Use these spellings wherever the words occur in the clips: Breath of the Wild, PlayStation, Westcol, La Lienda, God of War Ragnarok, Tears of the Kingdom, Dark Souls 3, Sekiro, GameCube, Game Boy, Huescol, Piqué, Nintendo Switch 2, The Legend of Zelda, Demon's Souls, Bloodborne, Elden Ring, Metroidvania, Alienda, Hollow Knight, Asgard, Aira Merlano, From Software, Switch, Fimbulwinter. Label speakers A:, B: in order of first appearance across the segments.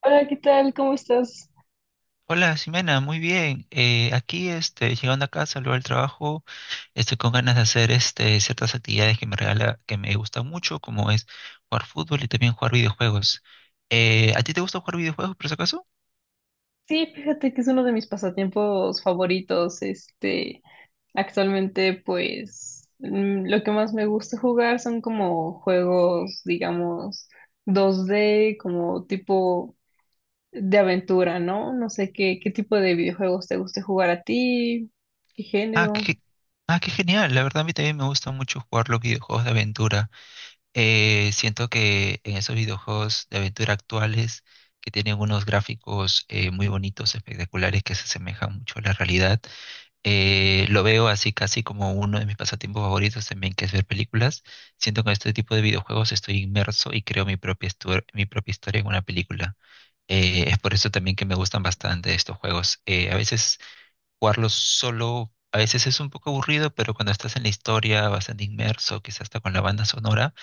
A: Hola, ¿qué tal? ¿Cómo estás?
B: Hola, Ximena, muy bien. Aquí, llegando a casa luego del trabajo, estoy con ganas de hacer ciertas actividades que me regala, que me gustan mucho, como es jugar fútbol y también jugar videojuegos. ¿A ti te gusta jugar videojuegos, por si acaso?
A: Sí, fíjate que es uno de mis pasatiempos favoritos. Este, actualmente, pues, lo que más me gusta jugar son como juegos, digamos, 2D, como tipo de aventura, ¿no? No sé qué tipo de videojuegos te guste jugar a ti, qué
B: Ah,
A: género.
B: qué, ah, qué genial. La verdad, a mí también me gusta mucho jugar los videojuegos de aventura. Siento que en esos videojuegos de aventura actuales, que tienen unos gráficos muy bonitos, espectaculares, que se asemejan mucho a la realidad. Lo veo así casi como uno de mis pasatiempos favoritos también, que es ver películas. Siento que con este tipo de videojuegos estoy inmerso y creo mi propia historia en una película. Es por eso también que me gustan bastante estos juegos. A veces jugarlos solo, a veces es un poco aburrido, pero cuando estás en la historia bastante inmerso, quizás hasta con la banda sonora,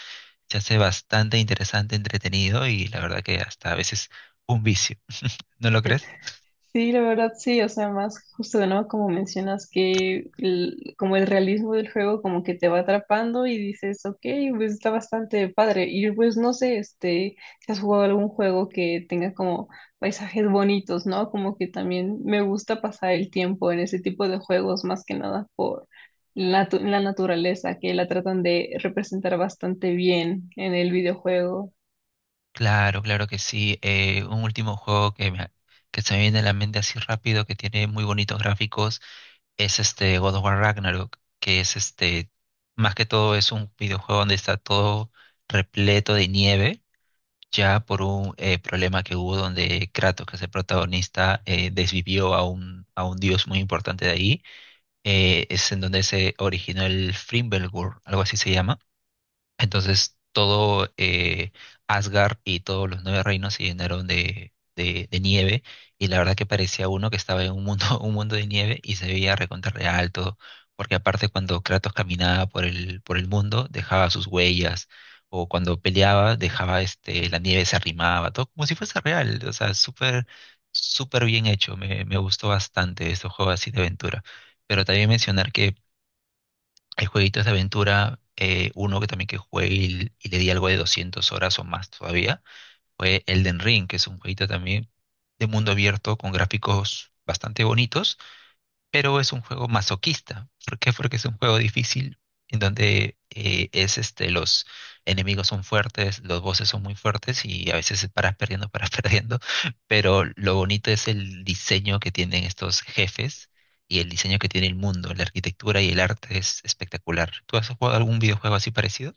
B: se hace bastante interesante, entretenido y la verdad que hasta a veces un vicio. ¿No lo crees?
A: Sí, la verdad sí, o sea, más justo no como mencionas que como el realismo del juego como que te va atrapando y dices, ok, pues está bastante padre. Y pues no sé, este, si has jugado algún juego que tenga como paisajes bonitos, ¿no? Como que también me gusta pasar el tiempo en ese tipo de juegos más que nada por la naturaleza, que la tratan de representar bastante bien en el videojuego.
B: Claro, claro que sí. Un último juego que se me viene a la mente así rápido, que tiene muy bonitos gráficos, es este God of War Ragnarok, que es más que todo es un videojuego donde está todo repleto de nieve, ya por un problema que hubo donde Kratos, que es el protagonista, desvivió a un dios muy importante de ahí. Es en donde se originó el Fimbulgur, algo así se llama. Entonces, todo, Asgard y todos los nueve reinos se llenaron de nieve. Y la verdad que parecía uno que estaba en un mundo, un mundo de nieve y se veía recontra real todo. Porque aparte cuando Kratos caminaba por el mundo, dejaba sus huellas. O cuando peleaba, dejaba la nieve, se arrimaba, todo como si fuese real. O sea, súper, súper bien hecho. Me gustó bastante estos juegos así de aventura. Pero también mencionar que hay jueguitos de aventura, uno que también que jugué y le di algo de 200 horas o más todavía, fue Elden Ring, que es un jueguito también de mundo abierto con gráficos bastante bonitos, pero es un juego masoquista. ¿Por qué? Porque es un juego difícil en donde los enemigos son fuertes, los bosses son muy fuertes y a veces paras perdiendo, paras perdiendo, pero lo bonito es el diseño que tienen estos jefes y el diseño que tiene el mundo, la arquitectura y el arte es espectacular. ¿Tú has jugado algún videojuego así parecido?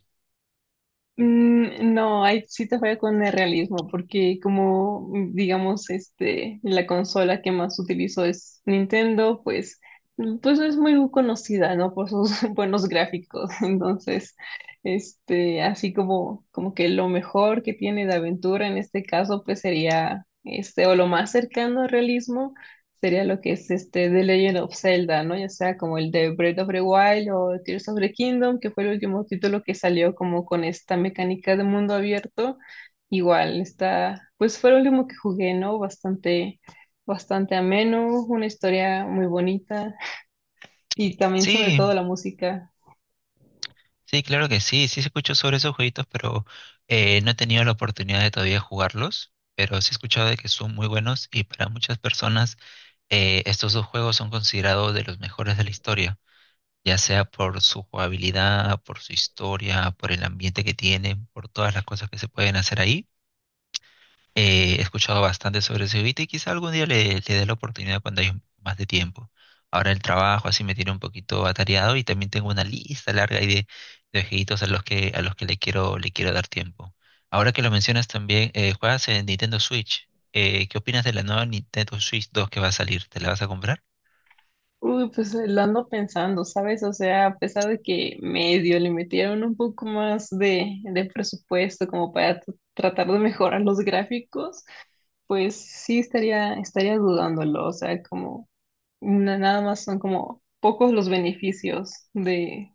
A: Mm, no, ahí sí te falla con el realismo, porque como digamos, este, la consola que más utilizo es Nintendo, pues, pues no es muy conocida, ¿no? Por sus buenos gráficos. Entonces, este, así como, como que lo mejor que tiene de aventura en este caso, pues sería este, o lo más cercano al realismo sería lo que es este The Legend of Zelda, ¿no? Ya sea como el de Breath of the Wild o Tears of the Kingdom, que fue el último título que salió como con esta mecánica de mundo abierto. Igual, está, pues fue el último que jugué, ¿no? Bastante, bastante ameno, una historia muy bonita y también sobre
B: Sí.
A: todo la música.
B: Sí, claro que sí, sí se escuchó sobre esos jueguitos, pero no he tenido la oportunidad de todavía jugarlos, pero sí he escuchado de que son muy buenos, y para muchas personas estos dos juegos son considerados de los mejores de la historia, ya sea por su jugabilidad, por su historia, por el ambiente que tienen, por todas las cosas que se pueden hacer ahí. He escuchado bastante sobre ese beat y quizá algún día le dé la oportunidad cuando hay un poco más de tiempo. Ahora el trabajo así me tiene un poquito atareado, y también tengo una lista larga ahí de jueguitos a los que le quiero dar tiempo. Ahora que lo mencionas también, juegas en Nintendo Switch. ¿Qué opinas de la nueva Nintendo Switch 2 que va a salir? ¿Te la vas a comprar?
A: Uy, pues lo ando pensando, ¿sabes? O sea, a pesar de que medio le metieron un poco más de presupuesto como para tratar de mejorar los gráficos, pues sí estaría, estaría dudándolo. O sea, como nada más son como pocos los beneficios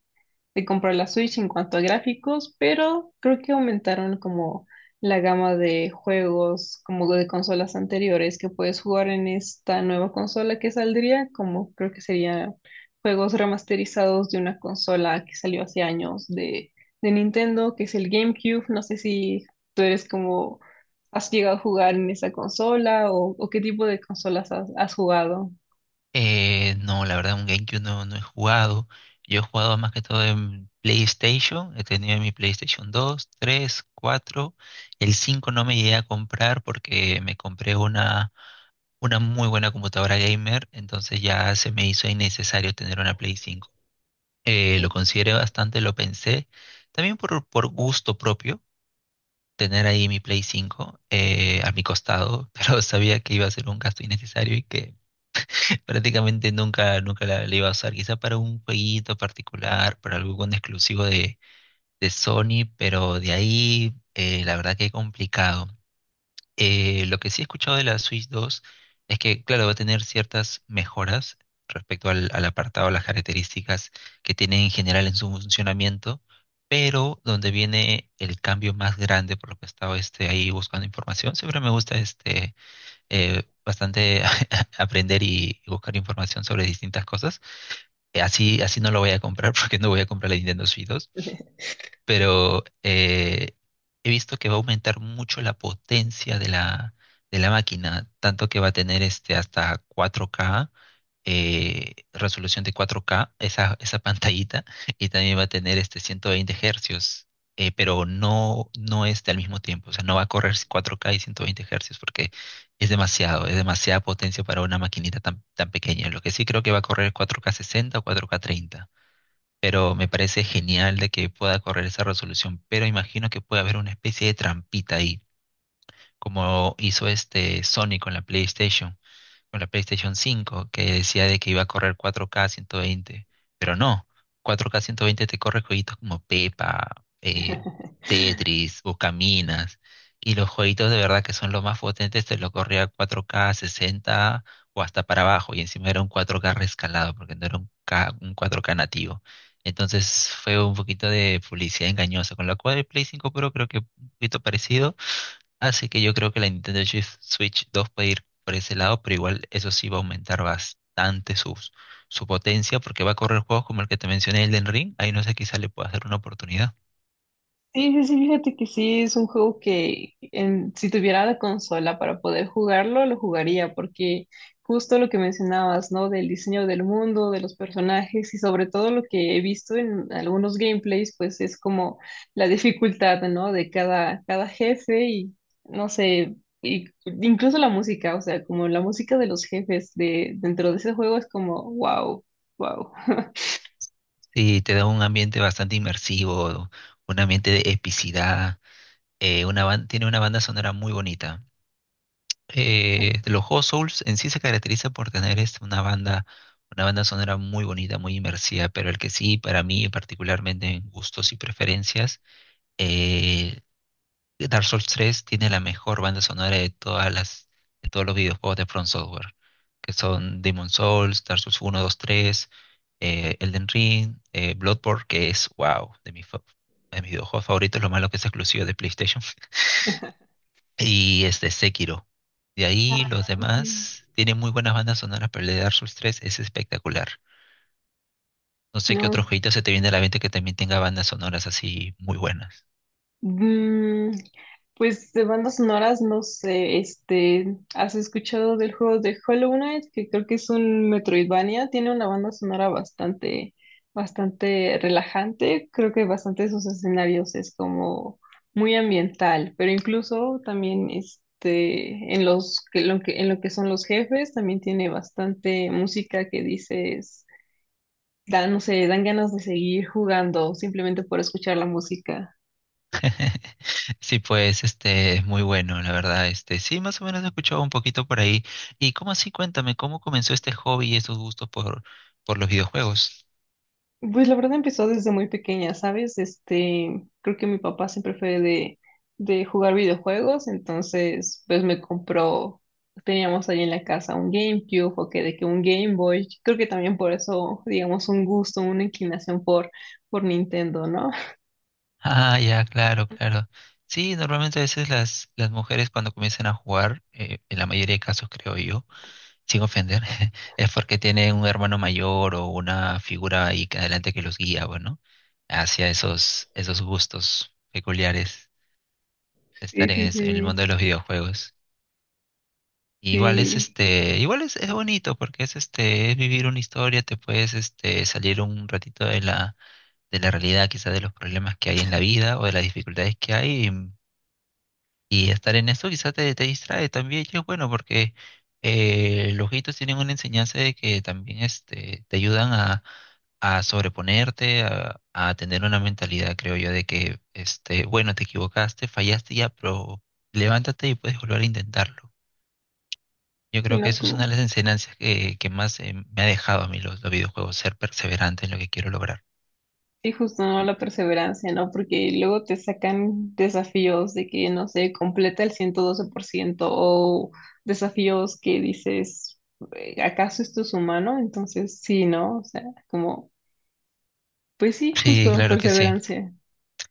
A: de comprar la Switch en cuanto a gráficos, pero creo que aumentaron como la gama de juegos como de consolas anteriores que puedes jugar en esta nueva consola que saldría, como creo que serían juegos remasterizados de una consola que salió hace años de Nintendo, que es el GameCube. No sé si tú eres como, has llegado a jugar en esa consola o qué tipo de consolas has jugado.
B: No, la verdad, un GameCube no, no he jugado. Yo he jugado más que todo en PlayStation. He tenido mi PlayStation 2, 3, 4. El 5 no me llegué a comprar porque me compré una muy buena computadora gamer. Entonces ya se me hizo innecesario tener una Play 5. Lo consideré bastante, lo pensé. También por gusto propio, tener ahí mi Play 5, a mi costado. Pero sabía que iba a ser un gasto innecesario y que prácticamente nunca, nunca la iba a usar. Quizá para un jueguito particular, para algún exclusivo de Sony, pero de ahí, la verdad que complicado. Lo que sí he escuchado de la Switch 2 es que, claro, va a tener ciertas mejoras respecto al apartado, las características que tiene en general en su funcionamiento, pero donde viene el cambio más grande, por lo que he estado, ahí buscando información, siempre me gusta bastante aprender y buscar información sobre distintas cosas. Así, así no lo voy a comprar porque no voy a comprar la Nintendo Switch, pero he visto que va a aumentar mucho la potencia de la máquina, tanto que va a tener hasta 4K, resolución de 4K, esa pantallita, y también va a tener 120 hercios, pero no, no este al mismo tiempo, o sea, no va a correr 4K y 120 hercios porque es demasiado, es demasiada potencia para una maquinita tan, tan pequeña. Lo que sí creo que va a correr 4K 60 o 4K 30, pero me parece genial de que pueda correr esa resolución, pero imagino que puede haber una especie de trampita ahí, como hizo este Sony con la PlayStation 5, que decía de que iba a correr 4K 120, pero no, 4K 120 te corre jueguitos como Pepa, Tetris o Caminas, y los jueguitos de verdad que son los más potentes te lo corría 4K 60 o hasta para abajo, y encima era un 4K rescalado, porque no era un 4K nativo. Entonces fue un poquito de publicidad engañosa, con la cual el Play 5 Pro creo que un poquito parecido. Así que yo creo que la Nintendo Switch 2 puede ir por ese lado, pero igual eso sí va a aumentar bastante su potencia porque va a correr juegos como el que te mencioné, el Elden Ring. Ahí no sé, quizá le pueda hacer una oportunidad.
A: Sí, sí, sí, fíjate que sí, es un juego que si tuviera la consola para poder jugarlo, lo jugaría, porque justo lo que mencionabas, ¿no? Del diseño del mundo, de los personajes y sobre todo lo que he visto en algunos gameplays, pues es como la dificultad, ¿no? De cada, cada jefe y, no sé, y incluso la música, o sea, como la música de los jefes de, dentro de ese juego es como, wow, wow.
B: Sí, te da un ambiente bastante inmersivo, un ambiente de epicidad. Tiene una banda sonora muy bonita. Los juegos Souls en sí se caracteriza por tener una banda sonora muy bonita, muy inmersiva, pero el que sí, para mí particularmente en gustos y preferencias, eh, Dark Souls 3 tiene la mejor banda sonora de todos los videojuegos de From Software, que son Demon Souls, Dark Souls 1, 2, 3, Elden Ring, Bloodborne, que es wow, de mis videojuegos favoritos. Lo malo que es exclusivo de PlayStation, y este Sekiro. De ahí los
A: Ah, ok.
B: demás tienen muy buenas bandas sonoras, pero el de Dark Souls 3 es espectacular. No sé qué otro
A: No.
B: jueguito se te viene a la mente que también tenga bandas sonoras así muy buenas.
A: Mm. Pues de bandas sonoras, no sé, este, ¿has escuchado del juego de Hollow Knight? Que creo que es un Metroidvania, tiene una banda sonora bastante, bastante relajante, creo que bastante de sus escenarios es como muy ambiental, pero incluso también este, en los, que lo que, en lo que son los jefes, también tiene bastante música que dices, da, no sé, dan ganas de seguir jugando simplemente por escuchar la música.
B: Sí, pues, es muy bueno, la verdad, sí, más o menos he escuchado un poquito por ahí. ¿Y cómo así? Cuéntame, ¿cómo comenzó este hobby y esos gustos por los videojuegos?
A: Pues la verdad empezó desde muy pequeña, ¿sabes? Este, creo que mi papá siempre fue de jugar videojuegos, entonces pues me compró, teníamos ahí en la casa un GameCube o que de que un Game Boy, creo que también por eso, digamos, un gusto, una inclinación por Nintendo, ¿no?
B: Ah, ya, claro, claro. Sí, normalmente a veces las mujeres cuando comienzan a jugar, en la mayoría de casos creo yo, sin ofender, es porque tienen un hermano mayor o una figura ahí que adelante que los guía, bueno, hacia esos gustos peculiares de
A: Sí,
B: estar en
A: sí,
B: es- en el mundo
A: sí,
B: de los videojuegos. Igual es
A: sí,
B: es bonito porque es es vivir una historia, te puedes salir un ratito de la realidad, quizás de los problemas que hay en la vida o de las dificultades que hay, y estar en eso quizás te distrae también, y es bueno porque los jueguitos tienen una enseñanza de que también te ayudan a sobreponerte, a tener una mentalidad, creo yo, de que bueno, te equivocaste, fallaste ya, pero levántate y puedes volver a intentarlo. Yo
A: y
B: creo que
A: no,
B: eso es una
A: cool.
B: de las enseñanzas que más, me ha dejado a mí los videojuegos, ser perseverante en lo que quiero lograr.
A: Sí, justo, ¿no? La perseverancia, ¿no? Porque luego te sacan desafíos de que, no sé, completa el 112% o desafíos que dices, ¿acaso esto es humano? Entonces, sí, ¿no? O sea, como, pues sí,
B: Sí,
A: justo,
B: claro que sí.
A: perseverancia.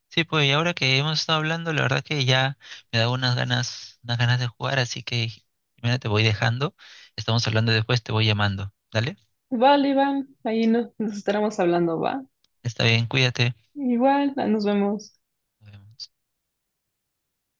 B: Sí, pues y ahora que hemos estado hablando, la verdad que ya me da unas ganas de jugar, así que Jimena, te voy dejando. Estamos hablando después, te voy llamando. ¿Dale?
A: Vale, Iván, ahí nos, nos estaremos hablando, ¿va?
B: Está bien, cuídate.
A: Igual, nos vemos.
B: Nos vemos.